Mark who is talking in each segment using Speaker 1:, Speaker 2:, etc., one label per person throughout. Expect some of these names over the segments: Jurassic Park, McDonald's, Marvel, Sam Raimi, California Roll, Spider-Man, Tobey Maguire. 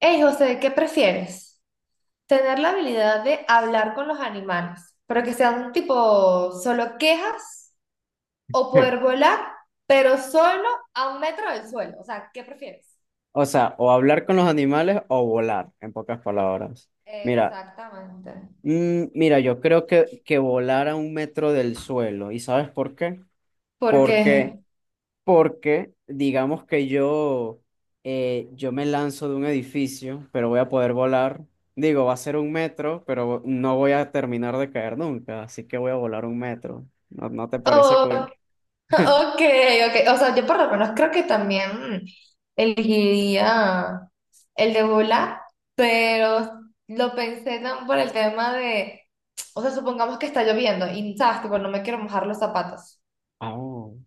Speaker 1: Hey José, ¿qué prefieres? ¿Tener la habilidad de hablar con los animales, pero que sean tipo solo quejas o poder volar, pero solo a 1 metro del suelo? O sea, ¿qué prefieres?
Speaker 2: O sea, o hablar con los animales o volar, en pocas palabras. Mira,
Speaker 1: Exactamente.
Speaker 2: mira, yo creo que volar a un metro del suelo. ¿Y sabes por qué?
Speaker 1: ¿Por
Speaker 2: Porque,
Speaker 1: qué?
Speaker 2: porque digamos que yo me lanzo de un edificio, pero voy a poder volar. Digo, va a ser un metro, pero no voy a terminar de caer nunca, así que voy a volar un metro. ¿No te parece cool?
Speaker 1: Ok, ok. O sea, yo por lo menos creo que también elegiría el de volar, pero lo pensé tan por el tema de, o sea, supongamos que está lloviendo y, ¿sabes? Tipo, no me quiero mojar los zapatos.
Speaker 2: Ah, oh.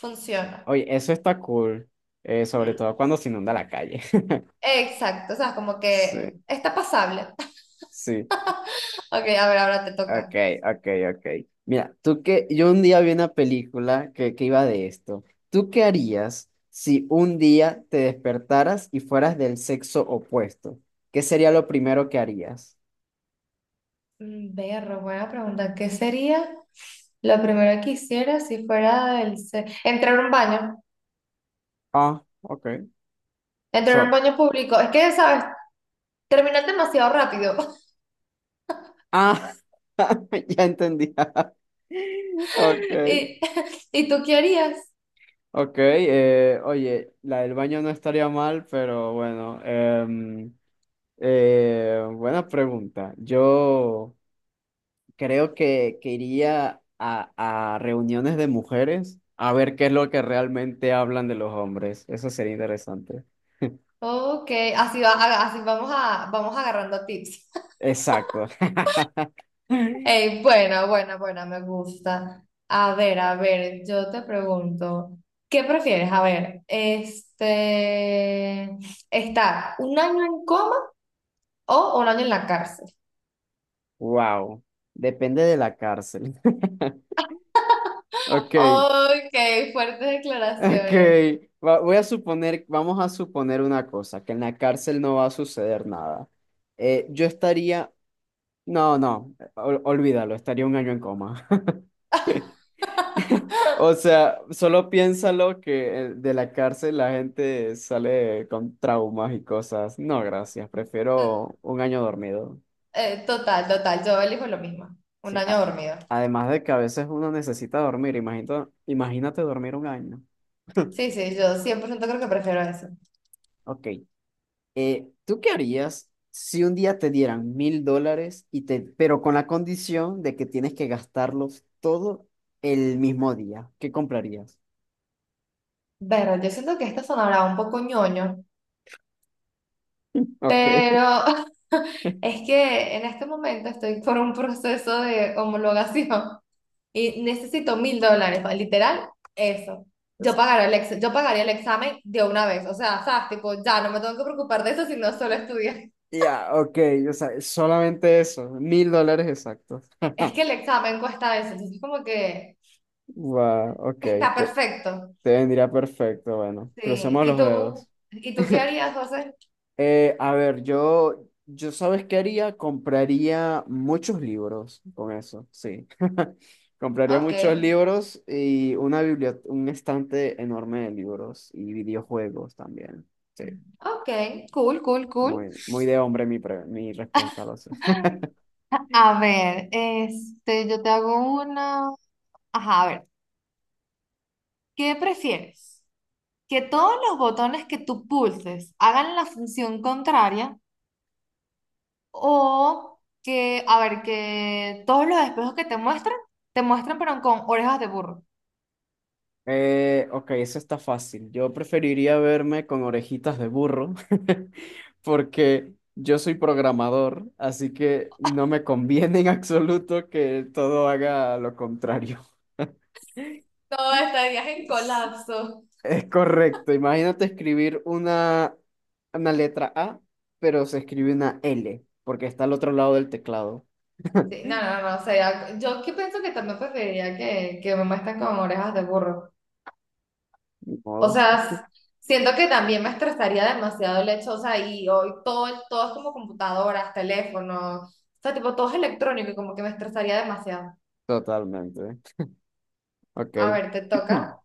Speaker 1: Funciona.
Speaker 2: Oye, eso está cool, sobre
Speaker 1: ¿Mm?
Speaker 2: todo cuando se inunda la calle.
Speaker 1: Exacto, o sea, como que
Speaker 2: Sí.
Speaker 1: está pasable.
Speaker 2: Sí,
Speaker 1: Ok, a ver, ahora te
Speaker 2: ok,
Speaker 1: toca.
Speaker 2: ok, ok. Mira, tú que yo un día vi una película que iba de esto. ¿Tú qué harías si un día te despertaras y fueras del sexo opuesto? ¿Qué sería lo primero que harías?
Speaker 1: Berro, buena pregunta. ¿Qué sería lo primero que hiciera si fuera Entrar a un baño.
Speaker 2: Ah, ok.
Speaker 1: El tener un
Speaker 2: So-
Speaker 1: baño público, es que, ¿sabes? Terminan demasiado rápido.
Speaker 2: ah, ya entendí. Ok,
Speaker 1: ¿Y, ¿y tú qué harías?
Speaker 2: ok. Oye, la del baño no estaría mal, pero bueno. Buena pregunta. Yo. Creo que iría a reuniones de mujeres a ver qué es lo que realmente hablan de los hombres. Eso sería interesante.
Speaker 1: Ok, así, va, así vamos, vamos agarrando tips.
Speaker 2: Exacto.
Speaker 1: Ey, buena, buena, buena, me gusta. A ver, yo te pregunto, ¿qué prefieres? A ver, este, ¿estar un año en coma o un año en la cárcel?
Speaker 2: Wow. Depende de la cárcel. Ok,
Speaker 1: Ok, fuertes
Speaker 2: ok.
Speaker 1: declaraciones.
Speaker 2: Voy a suponer, vamos a suponer una cosa, que en la cárcel no va a suceder nada. Yo estaría, no, no, olvídalo, estaría un año en coma. O sea, solo piénsalo que de la cárcel la gente sale con traumas y cosas. No, gracias, prefiero un año dormido.
Speaker 1: Total, total, yo elijo lo mismo. Un
Speaker 2: Sí,
Speaker 1: año dormido.
Speaker 2: además de que a veces uno necesita dormir, imagínate, imagínate dormir un año.
Speaker 1: Sí, sí, yo 100% creo que prefiero eso.
Speaker 2: Ok, ¿tú qué harías si un día te dieran 1000 dólares y pero con la condición de que tienes que gastarlos todo el mismo día? ¿Qué comprarías?
Speaker 1: Pero yo siento que esto sonará un poco ñoño,
Speaker 2: Ok.
Speaker 1: pero es que en este momento estoy por un proceso de homologación y necesito $1,000, o sea, literal, eso. Yo pagaría el examen de una vez, o sea, sabes, tipo, ya no me tengo que preocupar de eso, sino solo estudiar.
Speaker 2: Ya, ok, o sea, solamente eso, 1000 dólares exactos.
Speaker 1: Es que el examen cuesta eso, entonces como que
Speaker 2: Wow, ok,
Speaker 1: está
Speaker 2: te,
Speaker 1: perfecto.
Speaker 2: te vendría perfecto. Bueno,
Speaker 1: Sí,
Speaker 2: crucemos
Speaker 1: ¿y
Speaker 2: los
Speaker 1: tú?
Speaker 2: dedos.
Speaker 1: ¿Y tú qué harías, José?
Speaker 2: A ver, yo ¿sabes qué haría? Compraría muchos libros con eso, sí. Compraría
Speaker 1: Ok,
Speaker 2: muchos libros y una biblioteca, un estante enorme de libros y videojuegos también. Sí,
Speaker 1: ok, cool, cool, cool.
Speaker 2: muy, muy de hombre mi, mi respuesta, lo sé.
Speaker 1: A ver, este, yo te hago una. Ajá, a ver, ¿qué prefieres? ¿Que todos los botones que tú pulses hagan la función contraria o que, a ver, que todos los espejos que te muestran pero con orejas de burro?
Speaker 2: Ok, eso está fácil. Yo preferiría verme con orejitas de burro porque yo soy programador, así que no me conviene en absoluto que todo haga lo contrario.
Speaker 1: No, estarías en
Speaker 2: Es
Speaker 1: colapso.
Speaker 2: es correcto. Imagínate escribir una letra A, pero se escribe una L porque está al otro lado del teclado.
Speaker 1: Sí, no, no, no, o sea, yo que pienso que también preferiría que me muestren con orejas de burro.
Speaker 2: Ni
Speaker 1: O
Speaker 2: modo.
Speaker 1: sea, siento que también me estresaría demasiado el hecho, o sea, y hoy todo, todo es como computadoras, teléfonos, o sea, tipo, todo es electrónico y como que me estresaría demasiado.
Speaker 2: Totalmente. Ok.
Speaker 1: A ver, te toca.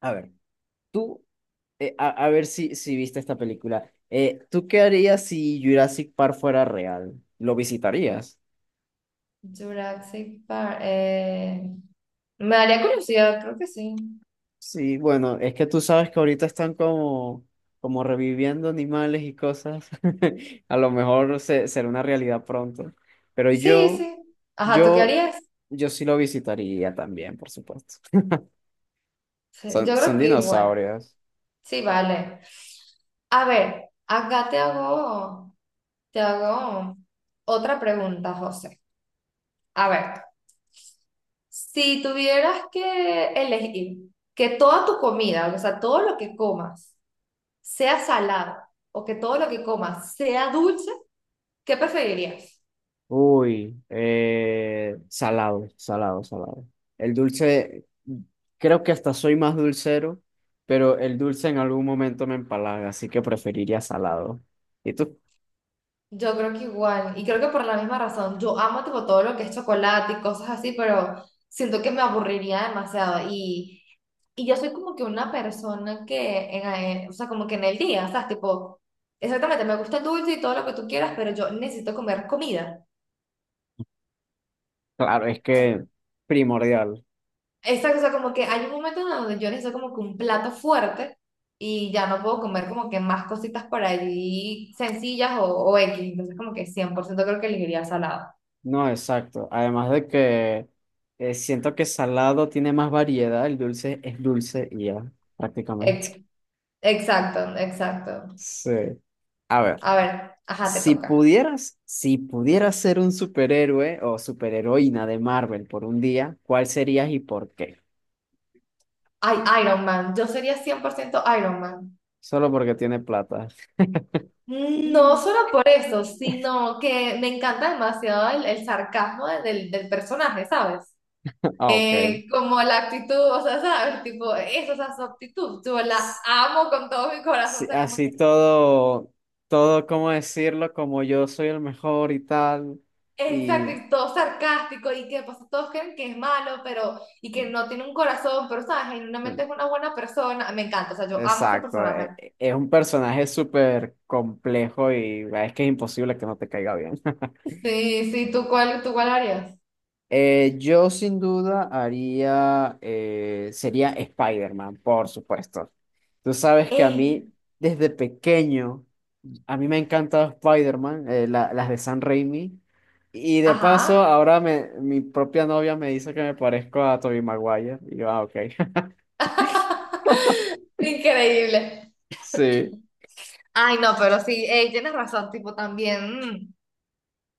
Speaker 2: A ver, tú a ver si viste esta película. ¿Tú qué harías si Jurassic Park fuera real? ¿Lo visitarías?
Speaker 1: Jurassic Park. Me daría curiosidad, creo que sí.
Speaker 2: Sí, bueno, es que tú sabes que ahorita están como, reviviendo animales y cosas. A lo mejor será una realidad pronto. Pero
Speaker 1: Sí, sí. Ajá, ¿tú qué
Speaker 2: yo,
Speaker 1: harías?
Speaker 2: yo sí lo visitaría también, por supuesto.
Speaker 1: Sí,
Speaker 2: Son,
Speaker 1: yo
Speaker 2: son
Speaker 1: creo que igual.
Speaker 2: dinosaurios.
Speaker 1: Sí, vale. A ver, acá te hago otra pregunta, José. A ver. Si tuvieras que elegir que toda tu comida, o sea, todo lo que comas sea salado o que todo lo que comas sea dulce, ¿qué preferirías?
Speaker 2: Uy, salado, salado, salado. El dulce, creo que hasta soy más dulcero, pero el dulce en algún momento me empalaga, así que preferiría salado. Y tú,
Speaker 1: Yo creo que igual, y creo que por la misma razón, yo amo tipo todo lo que es chocolate y cosas así, pero siento que me aburriría demasiado y yo soy como que una persona que, en, o sea, como que en el día, o sea, tipo, exactamente, me gusta el dulce y todo lo que tú quieras, pero yo necesito comer comida.
Speaker 2: claro, es que primordial.
Speaker 1: Esta cosa como que hay un momento en donde yo necesito como que un plato fuerte y ya no puedo comer como que más cositas por allí sencillas o X. Entonces como que 100% creo que elegiría salado.
Speaker 2: No, exacto. Además de que siento que salado tiene más variedad, el dulce es dulce y ya, prácticamente.
Speaker 1: Ex- Exacto, exacto.
Speaker 2: Sí. A ver.
Speaker 1: A ver, ajá, te
Speaker 2: Si
Speaker 1: toca.
Speaker 2: pudieras, si pudieras ser un superhéroe o superheroína de Marvel por un día, ¿cuál serías y por qué?
Speaker 1: Ay, Iron Man. Yo sería 100% Iron Man.
Speaker 2: Solo porque tiene plata.
Speaker 1: No solo por eso, sino que me encanta demasiado el sarcasmo del personaje, ¿sabes?
Speaker 2: Ah, ok.
Speaker 1: Como la actitud, o sea, ¿sabes? Tipo, eso, o sea, su actitud, yo la
Speaker 2: S-
Speaker 1: amo con todo mi corazón, o
Speaker 2: sí,
Speaker 1: sea, como
Speaker 2: así
Speaker 1: que
Speaker 2: todo, todo, ¿cómo decirlo? Como yo soy el mejor y tal. Y
Speaker 1: exacto, y todo sarcástico, y que pues, todos creen que es malo, pero, y que no tiene un corazón, pero, ¿sabes? Genuinamente es una buena persona, me encanta, o sea, yo amo ese
Speaker 2: exacto,
Speaker 1: personaje.
Speaker 2: es un personaje súper complejo y es que es imposible que no te caiga bien.
Speaker 1: Sí, sí, ¿Tú cuál harías?
Speaker 2: Yo sin duda haría, sería Spider-Man, por supuesto. Tú sabes que a
Speaker 1: Eh,
Speaker 2: mí, desde pequeño, a mí me ha encantado Spider-Man, las de San Raimi. Y de paso,
Speaker 1: ajá.
Speaker 2: ahora mi propia novia me dice que me parezco a Tobey Maguire. Y yo, ah, ok.
Speaker 1: Increíble.
Speaker 2: Sí,
Speaker 1: Ay, no, pero sí, ey, tienes razón, tipo, también.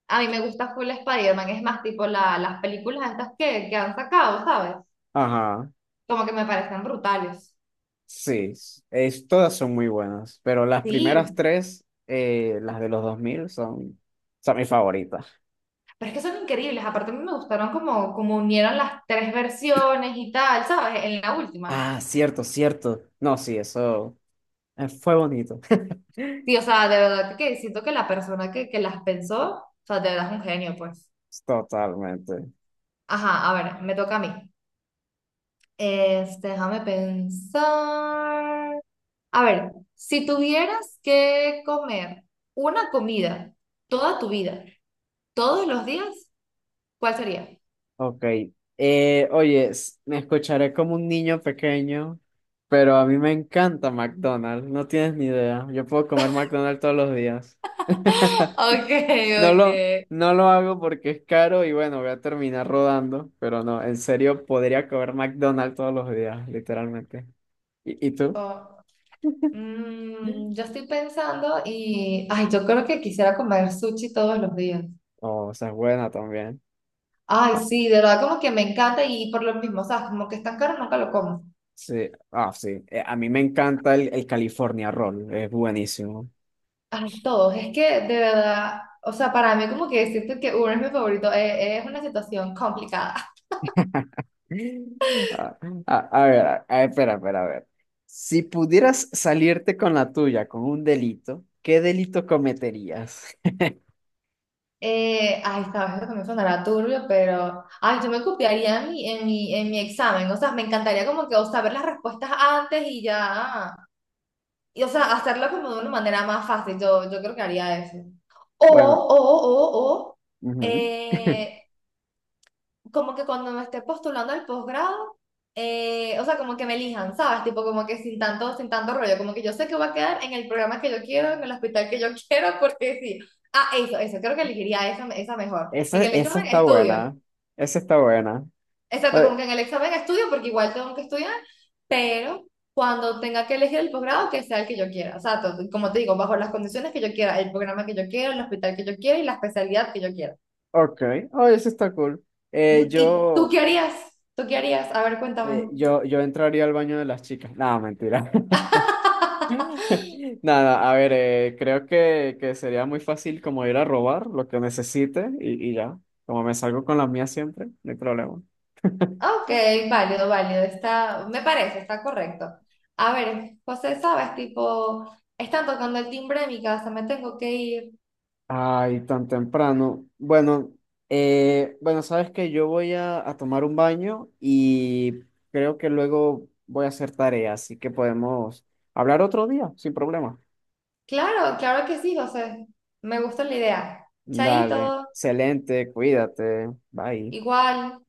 Speaker 1: A mí me gusta full Spider-Man, es más, tipo las películas estas que han sacado, ¿sabes?
Speaker 2: ajá,
Speaker 1: Como que me parecen brutales.
Speaker 2: sí. Es, todas son muy buenas, pero las primeras
Speaker 1: Sí,
Speaker 2: tres, las de los 2000 son, son mis favoritas.
Speaker 1: pero es que son increíbles. Aparte, a mí me gustaron como unieron las tres versiones y tal, ¿sabes? En la última.
Speaker 2: Ah, cierto, cierto. No, sí, eso fue bonito.
Speaker 1: Sí, o sea, de verdad que siento que la persona que las pensó, o sea, de verdad es un genio, pues.
Speaker 2: Totalmente.
Speaker 1: Ajá, a ver, me toca a mí. Este, déjame pensar. A ver, si tuvieras que comer una comida toda tu vida, ¿Todos los días? ¿Cuál sería?
Speaker 2: Ok. Oye, me escucharé como un niño pequeño, pero a mí me encanta McDonald's. No tienes ni idea. Yo puedo comer McDonald's todos los días.
Speaker 1: Ok,
Speaker 2: No
Speaker 1: ok.
Speaker 2: lo, no lo hago porque es caro y bueno, voy a terminar rodando, pero no, en serio, podría comer McDonald's todos los días, literalmente. Y tú?
Speaker 1: O- Mm, yo estoy pensando y, ay, yo creo que quisiera comer sushi todos los días.
Speaker 2: Oh, o sea, es buena también.
Speaker 1: Ay, sí, de verdad como que me encanta y por lo mismo, o sea, como que es tan caro, nunca lo como.
Speaker 2: Sí, ah, sí. A mí me encanta el California Roll, es buenísimo.
Speaker 1: Ay, todos, es que de verdad, o sea, para mí como que siento que uno es mi favorito, es una situación complicada.
Speaker 2: Ah, ah, a ver, espera, espera, a ver. Si pudieras salirte con la tuya con un delito, ¿qué delito cometerías?
Speaker 1: Ay, sabes que me sonará turbio, pero ay, yo me copiaría en mi examen. O sea, me encantaría como que o saber las respuestas antes y ya. Y o sea, hacerlo como de una manera más fácil. Yo creo que haría eso. O,
Speaker 2: Bueno,
Speaker 1: o, o, o,
Speaker 2: ujú.
Speaker 1: eh, Como que cuando me esté postulando al posgrado, o sea, como que me elijan, ¿sabes? Tipo, como que sin tanto rollo, como que yo sé que voy a quedar en el programa que yo quiero, en el hospital que yo quiero, porque sí. Ah, eso, creo que elegiría esa mejor.
Speaker 2: Esa,
Speaker 1: En el
Speaker 2: esa
Speaker 1: examen
Speaker 2: está
Speaker 1: estudio,
Speaker 2: buena. Esa está buena.
Speaker 1: exacto, como
Speaker 2: Eh,
Speaker 1: que en el examen estudio, porque igual tengo que estudiar, pero cuando tenga que elegir el posgrado, que sea el que yo quiera, o sea, como te digo, bajo las condiciones que yo quiera, el programa que yo quiero, el hospital que yo quiero y la especialidad que yo quiera.
Speaker 2: ok, oh, esa está cool.
Speaker 1: Ujú.
Speaker 2: Eh,
Speaker 1: ¿Y tú
Speaker 2: yo,
Speaker 1: qué harías? ¿Tú qué harías? A ver,
Speaker 2: eh,
Speaker 1: cuéntame.
Speaker 2: yo, yo entraría al baño de las chicas. No, mentira. Nada, a ver, creo que sería muy fácil como ir a robar lo que necesite y ya. Como me salgo con la mía siempre, no hay problema.
Speaker 1: Ok, válido, válido. Está, me parece, está correcto. A ver, José, sabes, tipo, están tocando el timbre de mi casa, me tengo que ir.
Speaker 2: Ay, tan temprano. Bueno, bueno, sabes que yo voy a tomar un baño y creo que luego voy a hacer tarea, así que podemos hablar otro día, sin problema.
Speaker 1: Claro, claro que sí, José. Me gusta la idea.
Speaker 2: Dale,
Speaker 1: Chaito,
Speaker 2: excelente, cuídate, bye.
Speaker 1: igual.